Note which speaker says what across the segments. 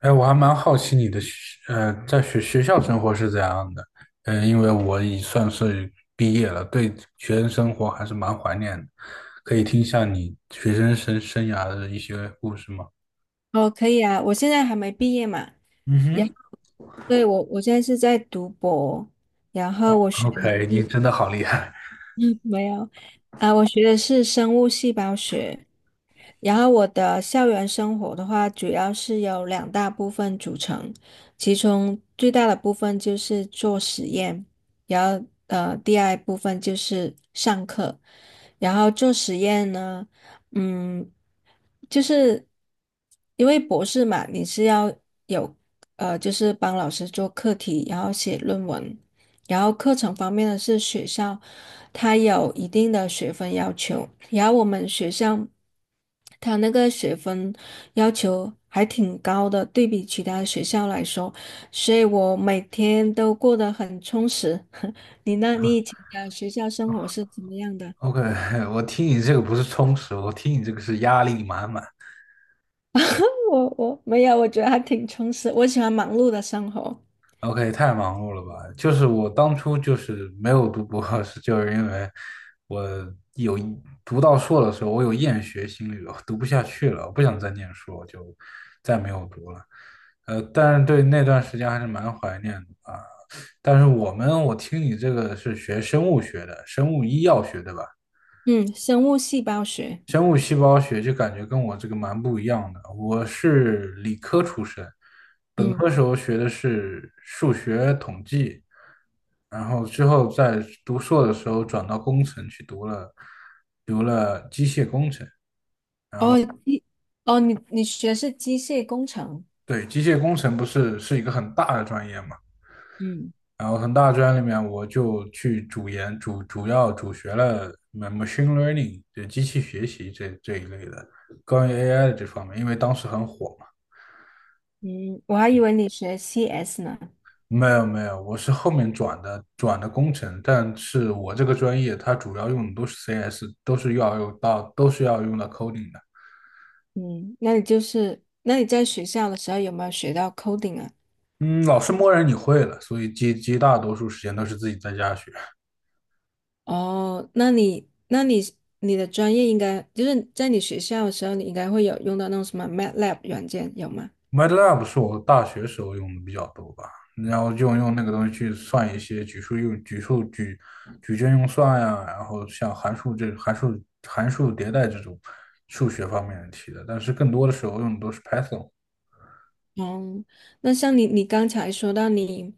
Speaker 1: 哎，我还蛮好奇你的学，呃，在学学校生活是怎样的？因为我已算是毕业了，对学生生活还是蛮怀念的。可以听一下你学生生涯的一些故事吗？
Speaker 2: 哦，可以啊，我现在还没毕业嘛，然后
Speaker 1: 嗯
Speaker 2: 对，我现在是在读博，然后我
Speaker 1: 哼，
Speaker 2: 学的
Speaker 1: ？OK，你
Speaker 2: 是
Speaker 1: 真的好厉害。
Speaker 2: 没有，啊、我学的是生物细胞学，然后我的校园生活的话，主要是由两大部分组成，其中最大的部分就是做实验，然后第二部分就是上课，然后做实验呢，嗯，就是因为博士嘛，你是要有就是帮老师做课题，然后写论文。然后课程方面呢，是学校它有一定的学分要求，然后我们学校它那个学分要求还挺高的，对比其他学校来说，所以我每天都过得很充实。你 呢？你
Speaker 1: 啊
Speaker 2: 以前的学校生活是怎么样的？
Speaker 1: ！OK，我听你这个不是充实，我听你这个是压力满满。
Speaker 2: 我没有，我觉得还挺充实，我喜欢忙碌的生活。
Speaker 1: OK，太忙碌了吧？就是我当初就是没有读博士，就是因为我有读到硕的时候，我有厌学心理了，我读不下去了，我不想再念书，我就再没有读了。但是对那段时间还是蛮怀念的啊。但是我们，我听你这个是学生物学的，生物医药学对吧？
Speaker 2: 嗯，生物细胞学。
Speaker 1: 生物细胞学就感觉跟我这个蛮不一样的。我是理科出身，本
Speaker 2: 嗯，
Speaker 1: 科时候学的是数学统计，然后之后在读硕的时候转到工程去读了机械工程。
Speaker 2: 哦，机，哦，你学是机械工程。
Speaker 1: 对，机械工程不是是一个很大的专业嘛，
Speaker 2: 嗯。
Speaker 1: 然后很大的专业里面我就去主研主主要主学了 machine learning，就机器学习这一类的，关于 AI 的这方面，因为当时很火。
Speaker 2: 嗯，我还以为你学 CS 呢。
Speaker 1: 没有没有，我是后面转的工程，但是我这个专业它主要用的都是 CS，都是要用到 coding 的。
Speaker 2: 嗯，那你就是，那你在学校的时候有没有学到 coding 啊？
Speaker 1: 嗯，老师默认你会了，所以绝大多数时间都是自己在家学。
Speaker 2: 哦，那你，那你的专业应该就是在你学校的时候，你应该会有用到那种什么 MATLAB 软件，有吗？
Speaker 1: MATLAB 是我大学时候用的比较多吧，然后就用那个东西去算一些举数用举数举矩阵用算呀，然后像函数迭代这种数学方面的题的，但是更多的时候用的都是 Python。
Speaker 2: 哦，那像你，你刚才说到你，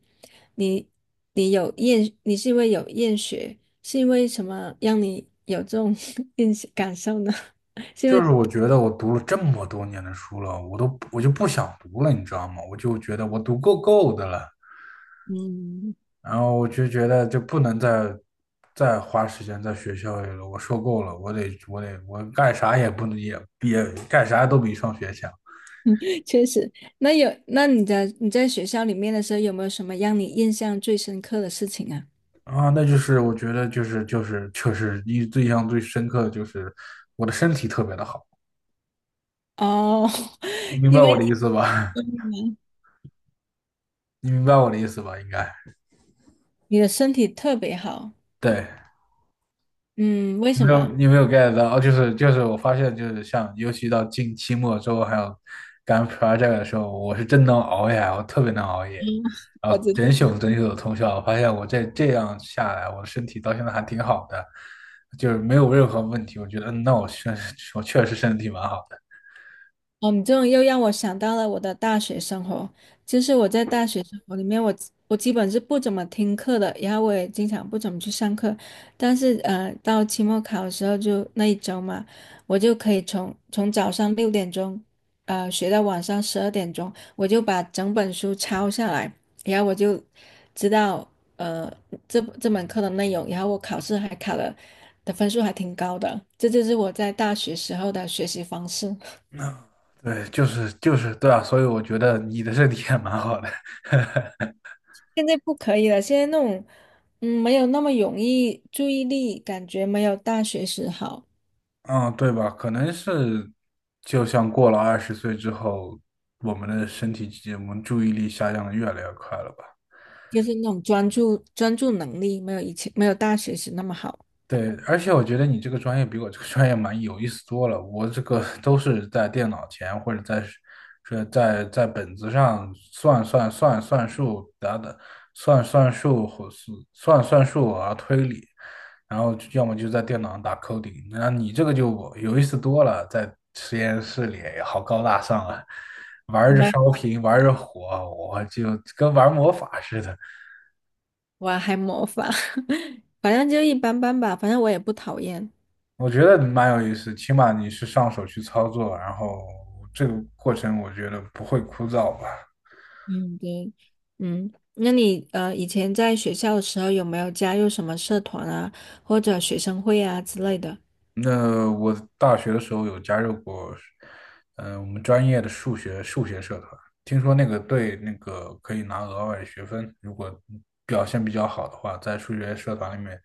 Speaker 2: 你你有厌，你是因为有厌学，是因为什么让你有这种 厌感受呢？是因
Speaker 1: 就
Speaker 2: 为
Speaker 1: 是我觉得我读了这么多年的书了，我就不想读了，你知道吗？我就觉得我读够的了，
Speaker 2: 嗯。
Speaker 1: 然后我就觉得就不能再花时间在学校里了，我受够了，我干啥也不能也干啥都比上学强。
Speaker 2: 确实，那你在学校里面的时候，有没有什么让你印象最深刻的事情啊？
Speaker 1: 啊！那就是我觉得就是印象最深刻的就是我的身体特别的好，
Speaker 2: 哦，
Speaker 1: 你 明
Speaker 2: 因
Speaker 1: 白
Speaker 2: 为
Speaker 1: 我的意思吧？
Speaker 2: 你
Speaker 1: 你明白我的意思吧？应该
Speaker 2: 你的身体特别好，
Speaker 1: 对。
Speaker 2: 嗯，为什么？
Speaker 1: 你没有 get 到，就是，我发现就是像，尤其到近期末之后，还有赶 project 的时候，我是真能熬夜，我特别能熬夜，
Speaker 2: 嗯，
Speaker 1: 然
Speaker 2: 我
Speaker 1: 后
Speaker 2: 知
Speaker 1: 整宿整宿的通宵。我发现我这样下来，我的身体到现在还挺好的，就是没有任何问题。我觉得，那我确实身体蛮好的。
Speaker 2: 哦，你这种又让我想到了我的大学生活。就是我在大学生活里面，我基本是不怎么听课的，然后我也经常不怎么去上课。但是到期末考的时候就那一周嘛，我就可以从早上6点钟，学到晚上12点钟，我就把整本书抄下来，然后我就知道呃这门课的内容，然后我考试还考了的分数还挺高的。这就是我在大学时候的学习方式。
Speaker 1: 对，就是，对啊，所以我觉得你的身体也蛮好的。
Speaker 2: 现在不可以了，现在那种，嗯，没有那么容易，注意力感觉没有大学时好，
Speaker 1: 嗯，对吧？可能是，就像过了20岁之后，我们的身体，我们注意力下降的越来越快了吧。
Speaker 2: 就是那种专注能力没有以前没有大学时那么好。
Speaker 1: 对，而且我觉得你这个专业比我这个专业蛮有意思多了。我这个都是在电脑前或者在是是在在本子上算算数，等等，算算数或是算算数啊推理，然后就要么就在电脑上打 coding。那你这个就有意思多了，在实验室里好高大上啊，玩着
Speaker 2: 没，
Speaker 1: 烧瓶，玩着火，我就跟玩魔法似的。
Speaker 2: 我还模仿，反正就一般般吧，反正我也不讨厌。
Speaker 1: 我觉得蛮有意思，起码你是上手去操作，然后这个过程我觉得不会枯燥吧。
Speaker 2: 嗯，对，嗯，那你以前在学校的时候有没有加入什么社团啊，或者学生会啊之类的？
Speaker 1: 那我大学的时候有加入过，我们专业的数学社团，听说那个可以拿额外的学分，如果表现比较好的话，在数学社团里面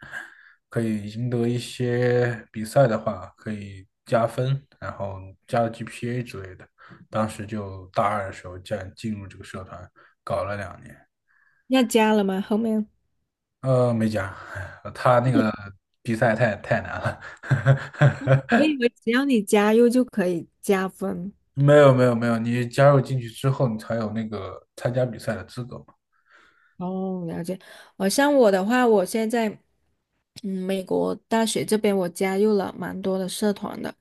Speaker 1: 可以赢得一些比赛的话，可以加分，然后加 GPA 之类的。当时就大二的时候，进入这个社团，搞了2年。
Speaker 2: 要加了吗？后面
Speaker 1: 没讲，他那个比赛太难了。
Speaker 2: 我以为只要你加入就可以加分。
Speaker 1: 没有没有没有，你加入进去之后，你才有那个参加比赛的资格。
Speaker 2: 哦，了解。像我的话，我现在美国大学这边我加入了蛮多的社团的，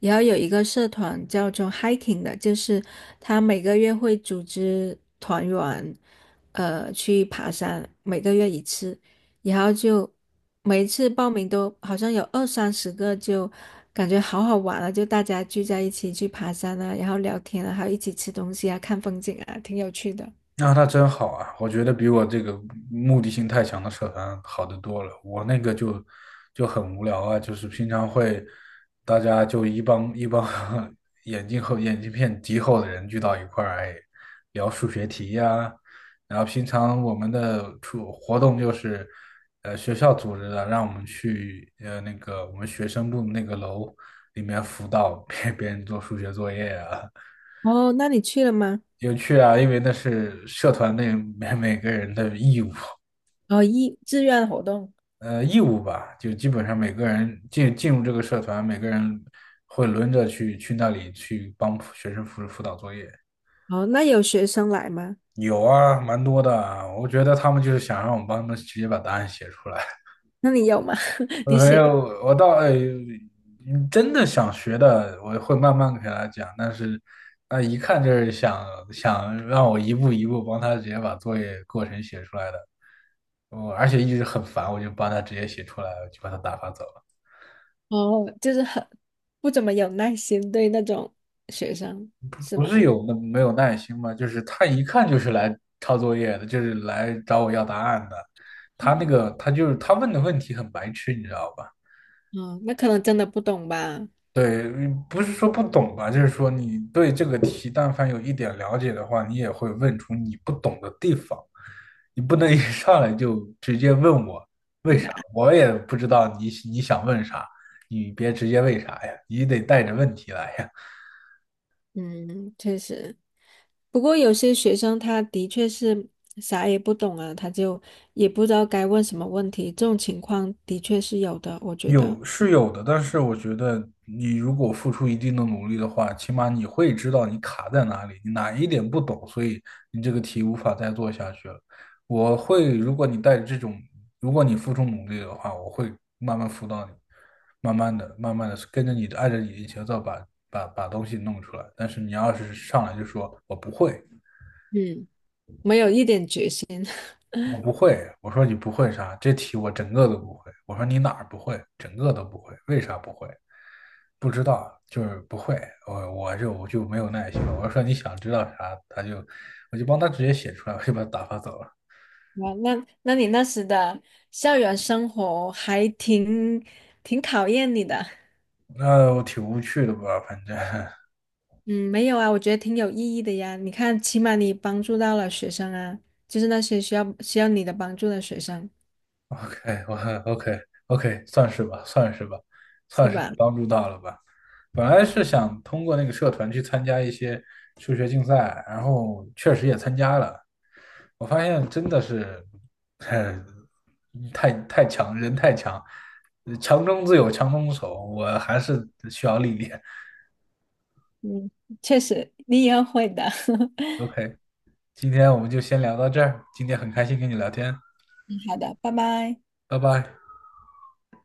Speaker 2: 然后有一个社团叫做 hiking 的，就是他每个月会组织团员，去爬山，每个月一次，然后就每一次报名都好像有二三十个，就感觉好好玩啊，就大家聚在一起去爬山啊，然后聊天啊，还有一起吃东西啊，看风景啊，挺有趣的。
Speaker 1: 那他真好啊！我觉得比我这个目的性太强的社团好得多了。我那个就很无聊啊，就是平常会大家就一帮一帮 眼镜片极厚的人聚到一块儿，哎，聊数学题呀、然后平常我们的出活动就是，学校组织的，让我们去那个我们学生部那个楼里面辅导 别人做数学作业啊，
Speaker 2: 哦，那你去了吗？
Speaker 1: 有趣啊，因为那是社团内每个人的义务，
Speaker 2: 哦，志愿活动，
Speaker 1: 义务吧，就基本上每个人进入这个社团，每个人会轮着去那里去帮学生辅导作业。
Speaker 2: 哦，那有学生来吗？
Speaker 1: 有啊，蛮多的啊，我觉得他们就是想让我们帮他们直接把答案写出来。
Speaker 2: 那你有吗？你
Speaker 1: 没
Speaker 2: 写，
Speaker 1: 有，我倒哎，真的想学的，我会慢慢给他讲。但是，一看就是想让我一步一步帮他直接把作业过程写出来的。我而且一直很烦，我就帮他直接写出来了，就把他打发走了。
Speaker 2: 哦，就是很不怎么有耐心对那种学生，
Speaker 1: 不是没有耐心吗？就是他一看就是来抄作业的，就是来找我要答案的。他那个他就是他问的问题很白痴，你知道吧？
Speaker 2: 哦，那可能真的不懂吧，
Speaker 1: 对，不是说不懂吧，就是说你对这个题但凡有一点了解的话，你也会问出你不懂的地方。你不能一上来就直接问我为
Speaker 2: 问答，
Speaker 1: 啥，我也不知道你想问啥，你别直接为啥呀，你得带着问题来呀。
Speaker 2: 嗯，确实。不过有些学生他的确是啥也不懂啊，他就也不知道该问什么问题，这种情况的确是有的，我觉得，
Speaker 1: 有是有的，但是我觉得你如果付出一定的努力的话，起码你会知道你卡在哪里，你哪一点不懂，所以你这个题无法再做下去了。如果你带着这种，如果你付出努力的话，我会慢慢辅导你，慢慢的、慢慢的跟着你的，按照你的节奏把东西弄出来。但是你要是上来就说我不会，
Speaker 2: 嗯，没有一点决心。
Speaker 1: 我不会，我说你不会啥？这题我整个都不会。我说你哪儿不会？整个都不会，为啥不会？不知道，就是不会。我就没有耐心了。我说你想知道啥，我就帮他直接写出来，我就把他打发走了。
Speaker 2: 哇，那你那时的校园生活还挺考验你的。
Speaker 1: 那我挺无趣的吧，反正
Speaker 2: 嗯，没有啊，我觉得挺有意义的呀。你看，起码你帮助到了学生啊，就是那些需要你的帮助的学生，
Speaker 1: OK，我 OK OK，算是吧，算是吧，
Speaker 2: 是
Speaker 1: 算是
Speaker 2: 吧？
Speaker 1: 帮助到了吧。本来
Speaker 2: 嗯
Speaker 1: 是想通过那个社团去参加一些数学竞赛，然后确实也参加了。我发现真的是，呃，太强，人太强，强中自有强中手，我还是需要历练。
Speaker 2: 嗯，确实，你以后会的。
Speaker 1: OK，今天我们就先聊到这儿，今天很开心跟你聊天，
Speaker 2: 嗯好的，拜拜。
Speaker 1: 拜拜。